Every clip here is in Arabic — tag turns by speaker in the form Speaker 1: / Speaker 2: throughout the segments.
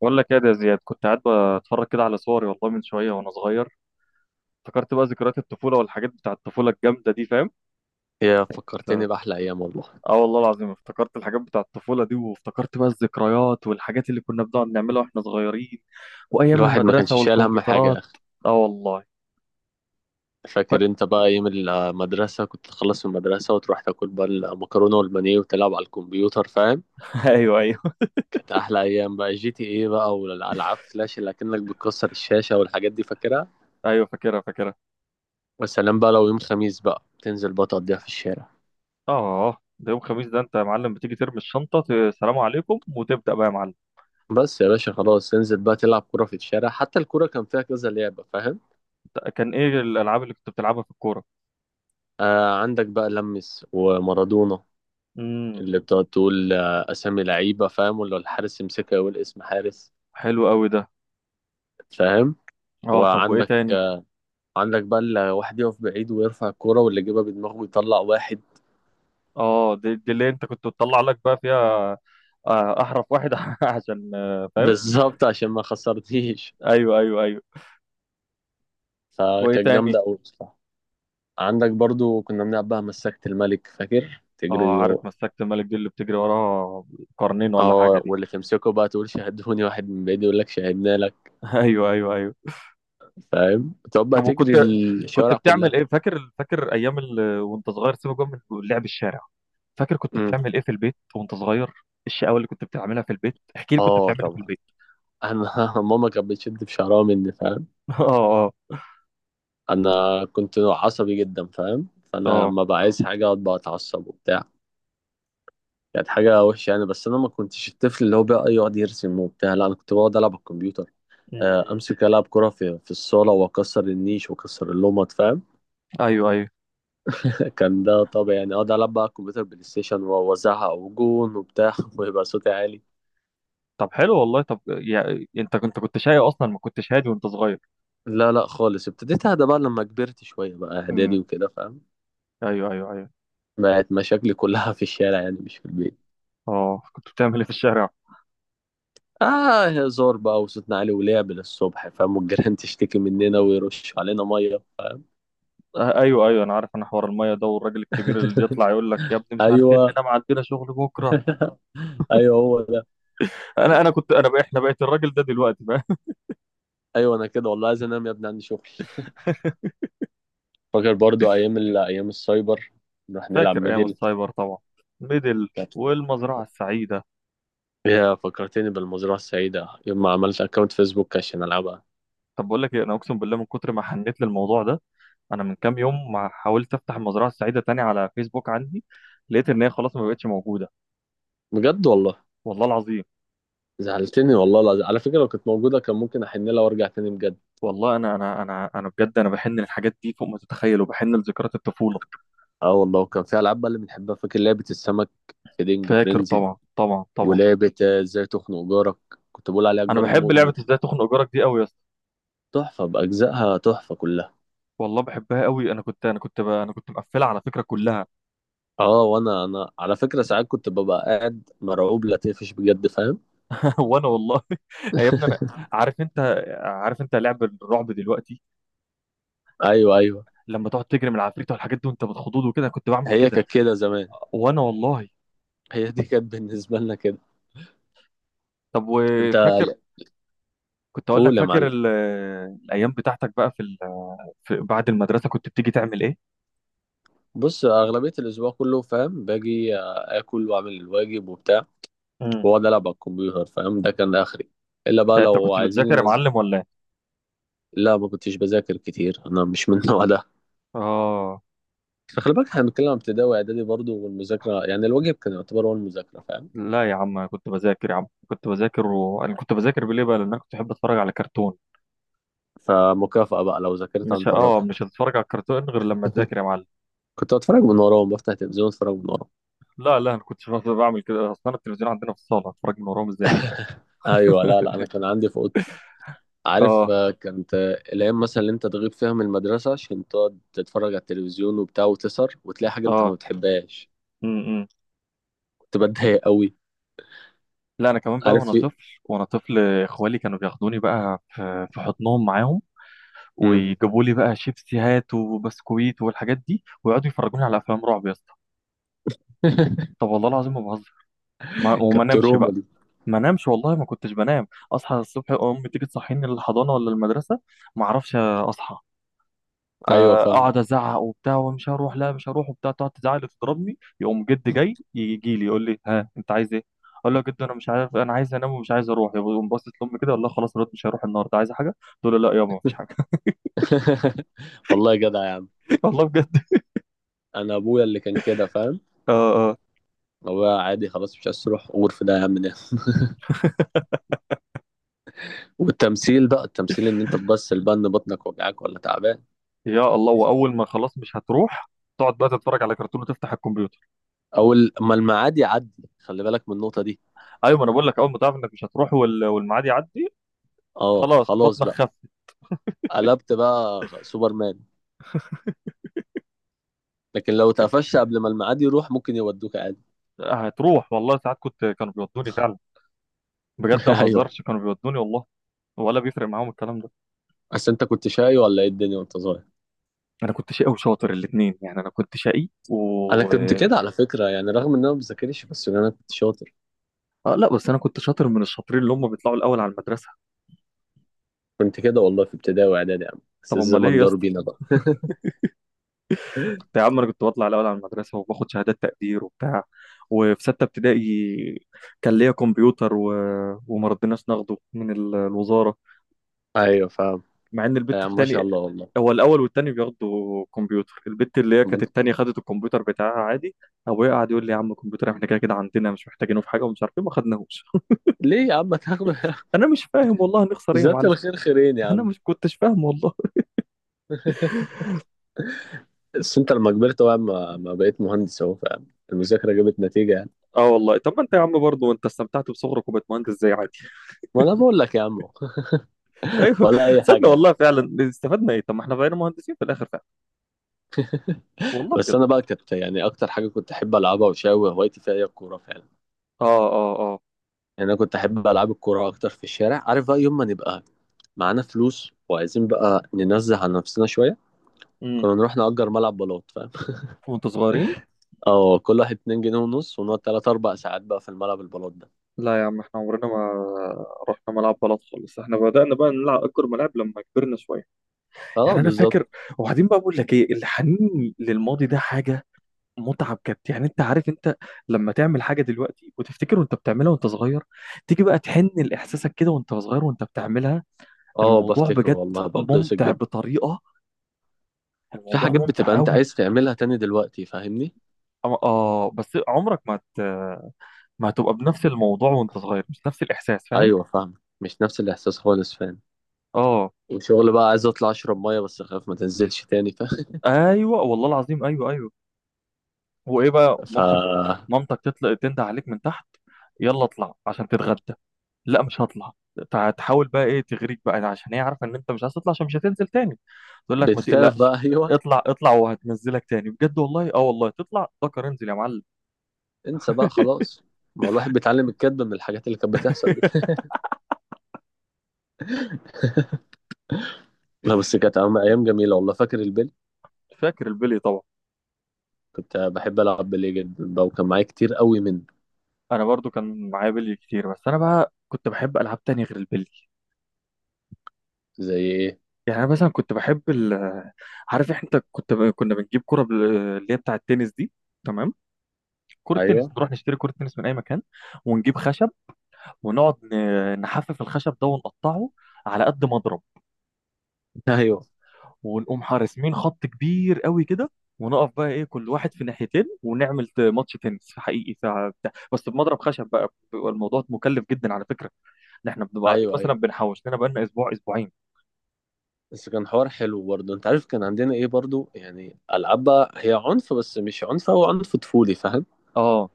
Speaker 1: بقول لك ايه ده يا زياد؟ كنت قاعد بتفرج كده على صوري، والله، من شويه. وانا صغير افتكرت بقى ذكريات الطفوله والحاجات بتاع الطفوله الجامده دي، فاهم؟
Speaker 2: يا فكرتني
Speaker 1: ف-
Speaker 2: بأحلى أيام والله.
Speaker 1: اه والله العظيم، افتكرت الحاجات بتاع الطفوله دي، وافتكرت بقى الذكريات والحاجات اللي كنا بنقعد نعملها واحنا صغيرين، وايام
Speaker 2: الواحد ما
Speaker 1: المدرسه
Speaker 2: كانش شايل هم حاجة يا
Speaker 1: والكمبيوترات.
Speaker 2: أخي.
Speaker 1: اه والله. فك...
Speaker 2: فاكر أنت بقى أيام المدرسة؟ كنت تخلص من المدرسة وتروح تاكل بقى المكرونة والبانيه وتلعب على الكمبيوتر، فاهم؟
Speaker 1: ايوه، ايوه،
Speaker 2: كانت أحلى أيام بقى، جي تي إيه بقى والألعاب فلاش اللي أكنك بتكسر الشاشة والحاجات دي، فاكرها.
Speaker 1: ايوه، فاكرها فاكرها.
Speaker 2: والسلام بقى لو يوم خميس بقى تنزل بقى تقضيها في الشارع.
Speaker 1: اه، ده يوم خميس، ده انت يا معلم بتيجي ترمي الشنطه، سلام عليكم وتبدا بقى يا معلم.
Speaker 2: بس يا باشا خلاص تنزل بقى تلعب كرة في الشارع، حتى الكرة كان فيها كذا لعبة، فاهم؟
Speaker 1: كان ايه الالعاب اللي كنت بتلعبها في الكوره؟
Speaker 2: آه، عندك بقى لمس ومارادونا
Speaker 1: امم.
Speaker 2: اللي بتقعد تقول اسامي لعيبه، فاهم؟ ولا الحارس يمسكها يقول اسم حارس،
Speaker 1: حلو قوي ده.
Speaker 2: فاهم؟
Speaker 1: اه، طب وايه
Speaker 2: وعندك
Speaker 1: تاني؟
Speaker 2: آه، عندك بقى اللي واحد يقف بعيد ويرفع الكوره، واللي يجيبها بدماغه يطلع واحد.
Speaker 1: اه، دي اللي انت كنت بتطلع لك بقى فيها. احرف واحد عشان فاهم.
Speaker 2: بالظبط، عشان ما خسرتيش.
Speaker 1: ايوه، ايوه، ايوه. وايه
Speaker 2: فكانت
Speaker 1: تاني؟
Speaker 2: جامده قوي بصراحه. عندك برضو كنا بنلعب بقى مسكت الملك، فاكر
Speaker 1: اه
Speaker 2: تجري
Speaker 1: عارف، مسكت الملك دي اللي بتجري وراها قرنين ولا حاجه
Speaker 2: اه،
Speaker 1: دي.
Speaker 2: واللي تمسكه بقى تقول شاهدوني، واحد من بعيد يقول لك شاهدنا لك،
Speaker 1: ايوه، ايوه، ايوه.
Speaker 2: فاهم؟ تقعد بقى
Speaker 1: طب
Speaker 2: تجري
Speaker 1: وكنت، كنت
Speaker 2: الشوارع
Speaker 1: بتعمل
Speaker 2: كلها.
Speaker 1: ايه؟ فاكر فاكر ايام وانت صغير، سيبك بقى من لعب الشارع، فاكر كنت
Speaker 2: امم،
Speaker 1: بتعمل ايه في البيت وانت صغير؟ الشقاوه اللي كنت بتعملها في البيت، احكي لي كنت
Speaker 2: اه
Speaker 1: بتعمل ايه في
Speaker 2: طبعا.
Speaker 1: البيت.
Speaker 2: انا ماما كانت بتشد في شعرها مني، فاهم؟
Speaker 1: اه، اه،
Speaker 2: انا كنت نوع عصبي جدا، فاهم؟ فانا
Speaker 1: اه.
Speaker 2: لما بقى عايز حاجه اقعد بقى اتعصب وبتاع. كانت حاجه وحشه يعني. بس انا ما كنتش الطفل اللي هو بقى يقعد يرسم وبتاع، لا انا كنت بقعد العب على الكمبيوتر.
Speaker 1: مم.
Speaker 2: امسك العب كره في الصاله، واكسر النيش واكسر اللمط، فاهم؟
Speaker 1: ايوه، ايوه.
Speaker 2: كان ده طبيعي يعني، اقعد العب بقى على الكمبيوتر بلاي ستيشن واوزعها وجون وبتاع ويبقى صوتي عالي.
Speaker 1: طب حلو والله. طب يعني انت كنت شقي اصلا؟ ما كنتش هادي وانت صغير؟
Speaker 2: لا لا خالص، ابتديت اهدى بقى لما كبرت شويه بقى،
Speaker 1: امم.
Speaker 2: اعدادي وكده، فاهم؟
Speaker 1: ايوه، ايوه، ايوه.
Speaker 2: بقت مشاكلي كلها في الشارع يعني، مش في البيت.
Speaker 1: اه، كنت بتعمل ايه في الشارع؟
Speaker 2: اه، هزار بقى وصوتنا عالي ولعب للصبح، فاهم؟ والجيران تشتكي مننا ويرش علينا ميه.
Speaker 1: آه، ايوه ايوه، انا عارف، انا حوار الميه ده، والراجل الكبير اللي يطلع يقول لك يا ابني مش عارفين
Speaker 2: ايوه
Speaker 1: اننا ما عندنا شغل بكره.
Speaker 2: ايوه، هو ده.
Speaker 1: انا كنت انا بقى، احنا بقيت الراجل ده دلوقتي بقى.
Speaker 2: ايوه، انا كده والله، عايز انام يا ابني، عندي شغل. فاكر برضو ايام ال... ايام السايبر، نروح نلعب
Speaker 1: فاكر ايام
Speaker 2: ميدل.
Speaker 1: السايبر طبعا، ميدل
Speaker 2: كانت-
Speaker 1: والمزرعه السعيده.
Speaker 2: يا فكرتني بالمزرعه السعيده يوم ما عملت اكونت فيسبوك عشان العبها.
Speaker 1: طب بقول لك ايه، انا اقسم بالله من كتر ما حنيت للموضوع ده. انا من كام يوم ما حاولت افتح المزرعه السعيده تاني على فيسبوك عندي، لقيت ان هي خلاص ما بقتش موجوده.
Speaker 2: بجد والله؟
Speaker 1: والله العظيم.
Speaker 2: زعلتني والله العظيم. على فكره لو كانت موجوده كان ممكن احن لها وارجع تاني بجد.
Speaker 1: والله انا بجد انا بحن للحاجات دي فوق ما تتخيل، وبحن لذكريات الطفوله.
Speaker 2: اه والله، وكان في العاب بقى اللي بنحبها. فاكر لعبه السمك، في دينج
Speaker 1: فاكر
Speaker 2: فرينزي؟
Speaker 1: طبعا، طبعا، طبعا.
Speaker 2: ولعبة ازاي تخنق جارك، كنت بقول عليها
Speaker 1: انا
Speaker 2: الجار
Speaker 1: بحب
Speaker 2: المؤذي.
Speaker 1: لعبه ازاي تخنق جارك دي قوي يا اسطى.
Speaker 2: تحفة بأجزائها، تحفة كلها.
Speaker 1: والله بحبها قوي. انا كنت مقفلها على فكره كلها.
Speaker 2: اه، وانا على فكرة، ساعات كنت ببقى قاعد مرعوب لا تقفش، بجد فاهم؟
Speaker 1: وانا والله. يا ابني انا، عارف انت عارف انت لعب الرعب دلوقتي،
Speaker 2: ايوه ايوه،
Speaker 1: لما تقعد تجري من العفريت والحاجات دي وانت بتخضوض وكده، أنا كنت بعمل
Speaker 2: هي
Speaker 1: كده.
Speaker 2: كانت كده زمان،
Speaker 1: وانا والله.
Speaker 2: هي دي كانت بالنسبة لنا كده.
Speaker 1: طب
Speaker 2: انت
Speaker 1: وفاكر، كنت اقول لك
Speaker 2: قول يا
Speaker 1: فاكر
Speaker 2: معلم.
Speaker 1: الايام بتاعتك بقى في بعد المدرسه، كنت بتيجي تعمل ايه؟
Speaker 2: بص، اغلبية الاسبوع كله فاهم، باجي اكل واعمل الواجب وبتاع،
Speaker 1: امم.
Speaker 2: واقعد العب على الكمبيوتر، فاهم؟ ده كان اخري، الا بقى
Speaker 1: انت
Speaker 2: لو
Speaker 1: كنت
Speaker 2: عايزين
Speaker 1: بتذاكر يا
Speaker 2: ينزل.
Speaker 1: معلم ولا ايه؟
Speaker 2: لا، ما كنتش بذاكر كتير، انا مش من النوع ده.
Speaker 1: اه.
Speaker 2: فخلي بالك احنا بنتكلم عن ابتدائي واعدادي برضه، والمذاكره يعني الواجب كان يعتبر هو المذاكره، فاهم؟
Speaker 1: لا يا عم، أنا كنت بذاكر يا عم، كنت بذاكر، وانا كنت بذاكر ليه بقى؟ لان انا كنت بحب اتفرج على كرتون.
Speaker 2: فمكافأة بقى لو ذاكرت
Speaker 1: مش،
Speaker 2: هنفرجها.
Speaker 1: مش هتتفرج على الكرتون غير لما تذاكر يا معلم.
Speaker 2: كنت بتفرج من وراهم، بفتح تلفزيون اتفرج من وراهم.
Speaker 1: لا لا، انا كنتش بقدر بعمل كده اصلا، التلفزيون عندنا في الصاله، اتفرج من وراهم ازاي؟
Speaker 2: ايوه، لا لا، انا كان عندي في اوضتي. عارف
Speaker 1: اه،
Speaker 2: كانت الايام مثلا اللي انت تغيب فيها من المدرسه عشان تقعد تتفرج على التلفزيون وبتاع وتسهر، وتلاقي حاجه انت ما
Speaker 1: اه.
Speaker 2: بتحبهاش،
Speaker 1: امم.
Speaker 2: كنت بتضايق قوي.
Speaker 1: لا انا كمان بقى
Speaker 2: عارف
Speaker 1: وانا
Speaker 2: في
Speaker 1: طفل،
Speaker 2: إيه؟
Speaker 1: وانا طفل اخوالي كانوا بياخدوني بقى في حضنهم معاهم،
Speaker 2: مم.
Speaker 1: ويجيبوا لي بقى شيبسي هات وبسكويت والحاجات دي، ويقعدوا يفرجوني على افلام رعب يا اسطى. طب والله العظيم ما بهزر. وما
Speaker 2: كانت
Speaker 1: انامش
Speaker 2: تروما
Speaker 1: بقى.
Speaker 2: دي.
Speaker 1: ما نامش والله، ما كنتش بنام. اصحى الصبح، امي تيجي تصحيني للحضانه ولا المدرسه، ما اعرفش اصحى،
Speaker 2: ايوه
Speaker 1: فاقعد
Speaker 2: فاهم.
Speaker 1: ازعق وبتاع ومش هروح، لا مش هروح وبتاع. تقعد تزعق وتضربني، يقوم جد جاي يجي لي يقول لي: ها، انت عايز ايه؟ اقول له: يا جد، انا مش عارف، انا عايز انام ومش عايز اروح. يقوم باصص لامي كده، والله خلاص، رد مش هروح النهارده، عايز حاجه؟ تقول له: لا يابا، مفيش حاجه.
Speaker 2: والله جدع يا عم.
Speaker 1: والله بجد.
Speaker 2: انا ابويا اللي كان كده، فاهم؟
Speaker 1: اه، اه.
Speaker 2: هو عادي، خلاص مش عايز تروح غرف ده يا عم ده. والتمثيل بقى، التمثيل ان انت تبص البن بطنك وجعاك ولا تعبان.
Speaker 1: يا الله، واول ما خلاص مش هتروح، تقعد بقى تتفرج على كرتون وتفتح الكمبيوتر.
Speaker 2: او اما الميعاد يعدي، خلي بالك من النقطه دي.
Speaker 1: ايوه، ما انا بقول لك، اول ما تعرف انك مش هتروح، والميعاد يعدي،
Speaker 2: اه
Speaker 1: خلاص
Speaker 2: خلاص
Speaker 1: بطنك
Speaker 2: بقى،
Speaker 1: خف.
Speaker 2: قلبت بقى سوبرمان. لكن لو اتقفشت قبل ما الميعاد يروح ممكن يودوك عادي.
Speaker 1: هتروح والله، ساعات كنت، كانوا بيودوني فعلا، بجد ما
Speaker 2: ايوه.
Speaker 1: بهزرش كانوا بيودوني والله. ولا بيفرق معاهم الكلام ده.
Speaker 2: بس انت كنت شاي ولا ايه الدنيا وانت صغير؟
Speaker 1: انا كنت شقي وشاطر الاثنين، يعني انا كنت شقي
Speaker 2: انا
Speaker 1: و...
Speaker 2: كنت كده على فكره يعني، رغم ان انا ما بذاكرش بس ان انا كنت شاطر.
Speaker 1: آه، لا بس انا كنت شاطر، من الشاطرين اللي هم بيطلعوا الاول على المدرسه.
Speaker 2: كنت كده والله في ابتدائي واعدادي يا عم، بس
Speaker 1: طب امال ليه
Speaker 2: الزمن
Speaker 1: يا
Speaker 2: دار
Speaker 1: اسطى؟
Speaker 2: بينا بقى.
Speaker 1: كنت يا عم، انا كنت بطلع الاول على المدرسه وباخد شهادات تقدير وبتاع. وفي سته ابتدائي كان ليا كمبيوتر وما رضيناش ناخده من الوزاره.
Speaker 2: ايوه فاهم.
Speaker 1: مع ان
Speaker 2: يا
Speaker 1: البت
Speaker 2: عم ما شاء
Speaker 1: التاني،
Speaker 2: الله والله.
Speaker 1: هو الاول والتاني بياخدوا كمبيوتر، البت اللي هي
Speaker 2: طب
Speaker 1: كانت
Speaker 2: انت-
Speaker 1: التانية خدت الكمبيوتر بتاعها عادي. ابويا قعد يقول لي يا عم الكمبيوتر احنا كده كده عندنا، مش محتاجينه في حاجه ومش عارف ايه، ما خدناهوش.
Speaker 2: ليه يا عم هتاخد؟
Speaker 1: انا مش فاهم والله، هنخسر ايه يا
Speaker 2: جزاك
Speaker 1: معلم؟
Speaker 2: الخير خيرين يا
Speaker 1: انا
Speaker 2: عم.
Speaker 1: مش كنتش فاهم والله.
Speaker 2: بس انت لما كبرت بقى ما بقيت مهندس اهو، فالمذاكره جابت نتيجه يعني.
Speaker 1: اه والله. طب ما انت يا عم برضه انت استمتعت بصغرك وبقيت مهندس زي عادي.
Speaker 2: ما انا بقول لك يا عم.
Speaker 1: ايوه.
Speaker 2: ولا اي حاجه
Speaker 1: تصدق
Speaker 2: يعني.
Speaker 1: والله فعلا استفدنا ايه، طب ما احنا بقينا مهندسين في الاخر فعلا. والله
Speaker 2: بس
Speaker 1: بجد.
Speaker 2: انا بقى كنت يعني اكتر حاجه كنت احب العبها وشاوي هوايتي فيها هي الكوره فعلا.
Speaker 1: اه، اه، اه.
Speaker 2: يعني انا كنت احب العب الكوره اكتر في الشارع. عارف بقى يوم ما نبقى معانا فلوس وعايزين بقى ننزه عن نفسنا شويه،
Speaker 1: امم.
Speaker 2: كنا نروح نأجر ملعب بلاط، فاهم؟
Speaker 1: وانتوا صغيرين.
Speaker 2: اه، كل واحد 2 جنيه ونص، ونقعد 3 4 ساعات بقى في الملعب البلاط ده.
Speaker 1: لا يا عم، احنا عمرنا ما رحنا ملعب بلد خالص، احنا بدأنا بقى نلعب اكبر ملاعب لما كبرنا شويه.
Speaker 2: اه
Speaker 1: يعني انا
Speaker 2: بالظبط.
Speaker 1: فاكر. وبعدين بقى، بقول لك ايه، الحنين للماضي ده حاجه متعه بجد، يعني انت عارف، انت لما تعمل حاجه دلوقتي وتفتكر وانت بتعملها وانت صغير، تيجي بقى تحن لاحساسك كده وانت صغير وانت بتعملها.
Speaker 2: اه
Speaker 1: الموضوع
Speaker 2: بفتكر
Speaker 1: بجد
Speaker 2: والله، ببسط
Speaker 1: ممتع
Speaker 2: جدا.
Speaker 1: بطريقه،
Speaker 2: في
Speaker 1: الموضوع
Speaker 2: حاجات
Speaker 1: ممتع
Speaker 2: بتبقى انت
Speaker 1: قوي.
Speaker 2: عايز تعملها تاني دلوقتي، فاهمني؟
Speaker 1: بس عمرك ما ما هتبقى بنفس الموضوع وانت صغير، مش نفس الاحساس، فاهم؟
Speaker 2: ايوه فاهم، مش نفس الاحساس خالص، فاهم؟
Speaker 1: اه.
Speaker 2: وشغل بقى عايز اطلع اشرب ميه بس اخاف ما تنزلش تاني، فاهم؟
Speaker 1: ايوه والله العظيم، ايوه، ايوه. وايه بقى؟
Speaker 2: ف
Speaker 1: مامتك، مامتك تطلق تنده عليك من تحت: يلا اطلع عشان تتغدى. لا مش هطلع. تحاول بقى ايه، تغريك بقى، عشان هي عارفه ان انت مش عايز تطلع عشان مش هتنزل تاني. تقول لك: ما
Speaker 2: بتخاف بقى،
Speaker 1: تقلقش
Speaker 2: ايوه.
Speaker 1: اطلع، اطلع وهتنزلك تاني بجد والله. اه، والله تطلع ذكر انزل يا معلم.
Speaker 2: انسى بقى خلاص. ما هو الواحد بيتعلم الكذب من الحاجات اللي كانت بتحصل دي. لا بس كانت أيام، أيام جميلة والله. فاكر البلي؟
Speaker 1: فاكر البلي طبعا.
Speaker 2: كنت بحب ألعب بلي جدا بقى، وكان معايا كتير قوي منه.
Speaker 1: انا برضو كان معايا بلي كتير، بس انا بقى كنت بحب العاب تانية غير البلي.
Speaker 2: زي إيه؟
Speaker 1: يعني انا مثلا كنت بحب عارف انت كنت كنا بنجيب كرة اللي هي بتاع التنس دي. تمام. كرة تنس،
Speaker 2: أيوه.
Speaker 1: نروح نشتري كرة تنس من اي مكان، ونجيب خشب ونقعد نحفف الخشب ده ونقطعه على قد مضرب،
Speaker 2: أيوه
Speaker 1: ونقوم حارسين خط كبير قوي كده، ونقف بقى ايه كل واحد في ناحيتين ونعمل ماتش تنس حقيقي ساعة بتاع، بس بمضرب خشب بقى. بيبقى الموضوع مكلف جدا على فكره، ان احنا بنبقى قاعدين
Speaker 2: أيوه
Speaker 1: مثلا
Speaker 2: أيوه.
Speaker 1: بنحوش لنا بقى لنا اسبوع اسبوعين.
Speaker 2: بس كان حوار حلو برضه. أنت عارف كان عندنا إيه برضه يعني؟ ألعاب بقى هي عنف، بس مش عنف، هو عنف طفولي، فاهم؟
Speaker 1: اه،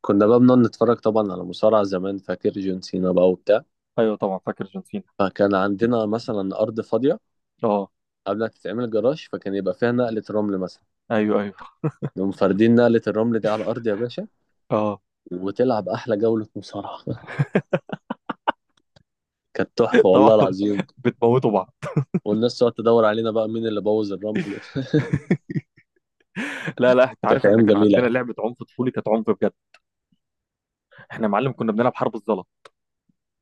Speaker 2: كنا بقى بنقعد نتفرج طبعا على مصارعة زمان، فاكر جون سينا بقى وبتاع.
Speaker 1: ايوه طبعا، فاكر جون سينا.
Speaker 2: فكان عندنا مثلا أرض فاضية
Speaker 1: اه.
Speaker 2: قبل ما تتعمل جراج، فكان يبقى فيها نقلة رمل مثلا.
Speaker 1: ايوه، ايوه.
Speaker 2: نقوم فاردين نقلة الرمل دي على الأرض يا باشا،
Speaker 1: اه.
Speaker 2: وتلعب أحلى جولة مصارعة. كانت تحفة
Speaker 1: طبعا.
Speaker 2: والله العظيم.
Speaker 1: بتموتوا بعض.
Speaker 2: والناس تقعد تدور علينا بقى مين اللي بوظ الرمل.
Speaker 1: لا لا، انت عارف
Speaker 2: كانت
Speaker 1: احنا
Speaker 2: أيام
Speaker 1: كان عندنا
Speaker 2: جميلة.
Speaker 1: لعبه عنف طفولي كانت عنف بجد، احنا يا معلم كنا بنلعب حرب الزلط.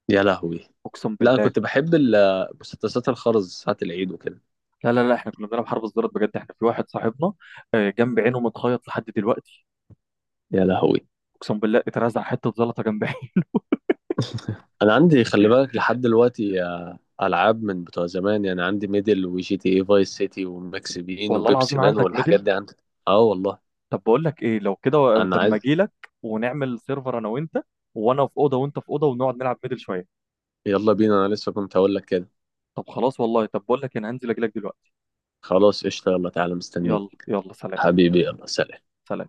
Speaker 2: يا لهوي.
Speaker 1: اقسم
Speaker 2: لا أنا
Speaker 1: بالله.
Speaker 2: كنت بحب مسدسات الخرز ساعة العيد وكده.
Speaker 1: لا لا لا، احنا كنا بنلعب حرب الزلط بجد، احنا في واحد صاحبنا جنب عينه متخيط لحد دلوقتي.
Speaker 2: يا لهوي.
Speaker 1: اقسم بالله، اترزع حته زلطه جنبي.
Speaker 2: انا عندي، خلي بالك، لحد دلوقتي العاب من بتوع زمان يعني. عندي ميدل وجي تي اي فايس سيتي وماكس بين
Speaker 1: والله
Speaker 2: وبيبسي
Speaker 1: العظيم
Speaker 2: مان
Speaker 1: عندك
Speaker 2: والحاجات
Speaker 1: ميدل؟
Speaker 2: دي عندي. اه والله.
Speaker 1: طب بقول لك ايه، لو كده
Speaker 2: انا
Speaker 1: طب ما
Speaker 2: عايز.
Speaker 1: اجي لك ونعمل سيرفر انا وانت، وانا في اوضه وانت في اوضه ونقعد نلعب ميدل شويه.
Speaker 2: يلا بينا، انا لسه كنت هقول لك كده.
Speaker 1: طب خلاص والله، طب بقول لك إيه، انا هنزل اجي لك دلوقتي.
Speaker 2: خلاص قشطه، يلا تعالى
Speaker 1: يلا
Speaker 2: مستنيك.
Speaker 1: يلا سلام.
Speaker 2: حبيبي، يلا سلام.
Speaker 1: سلام.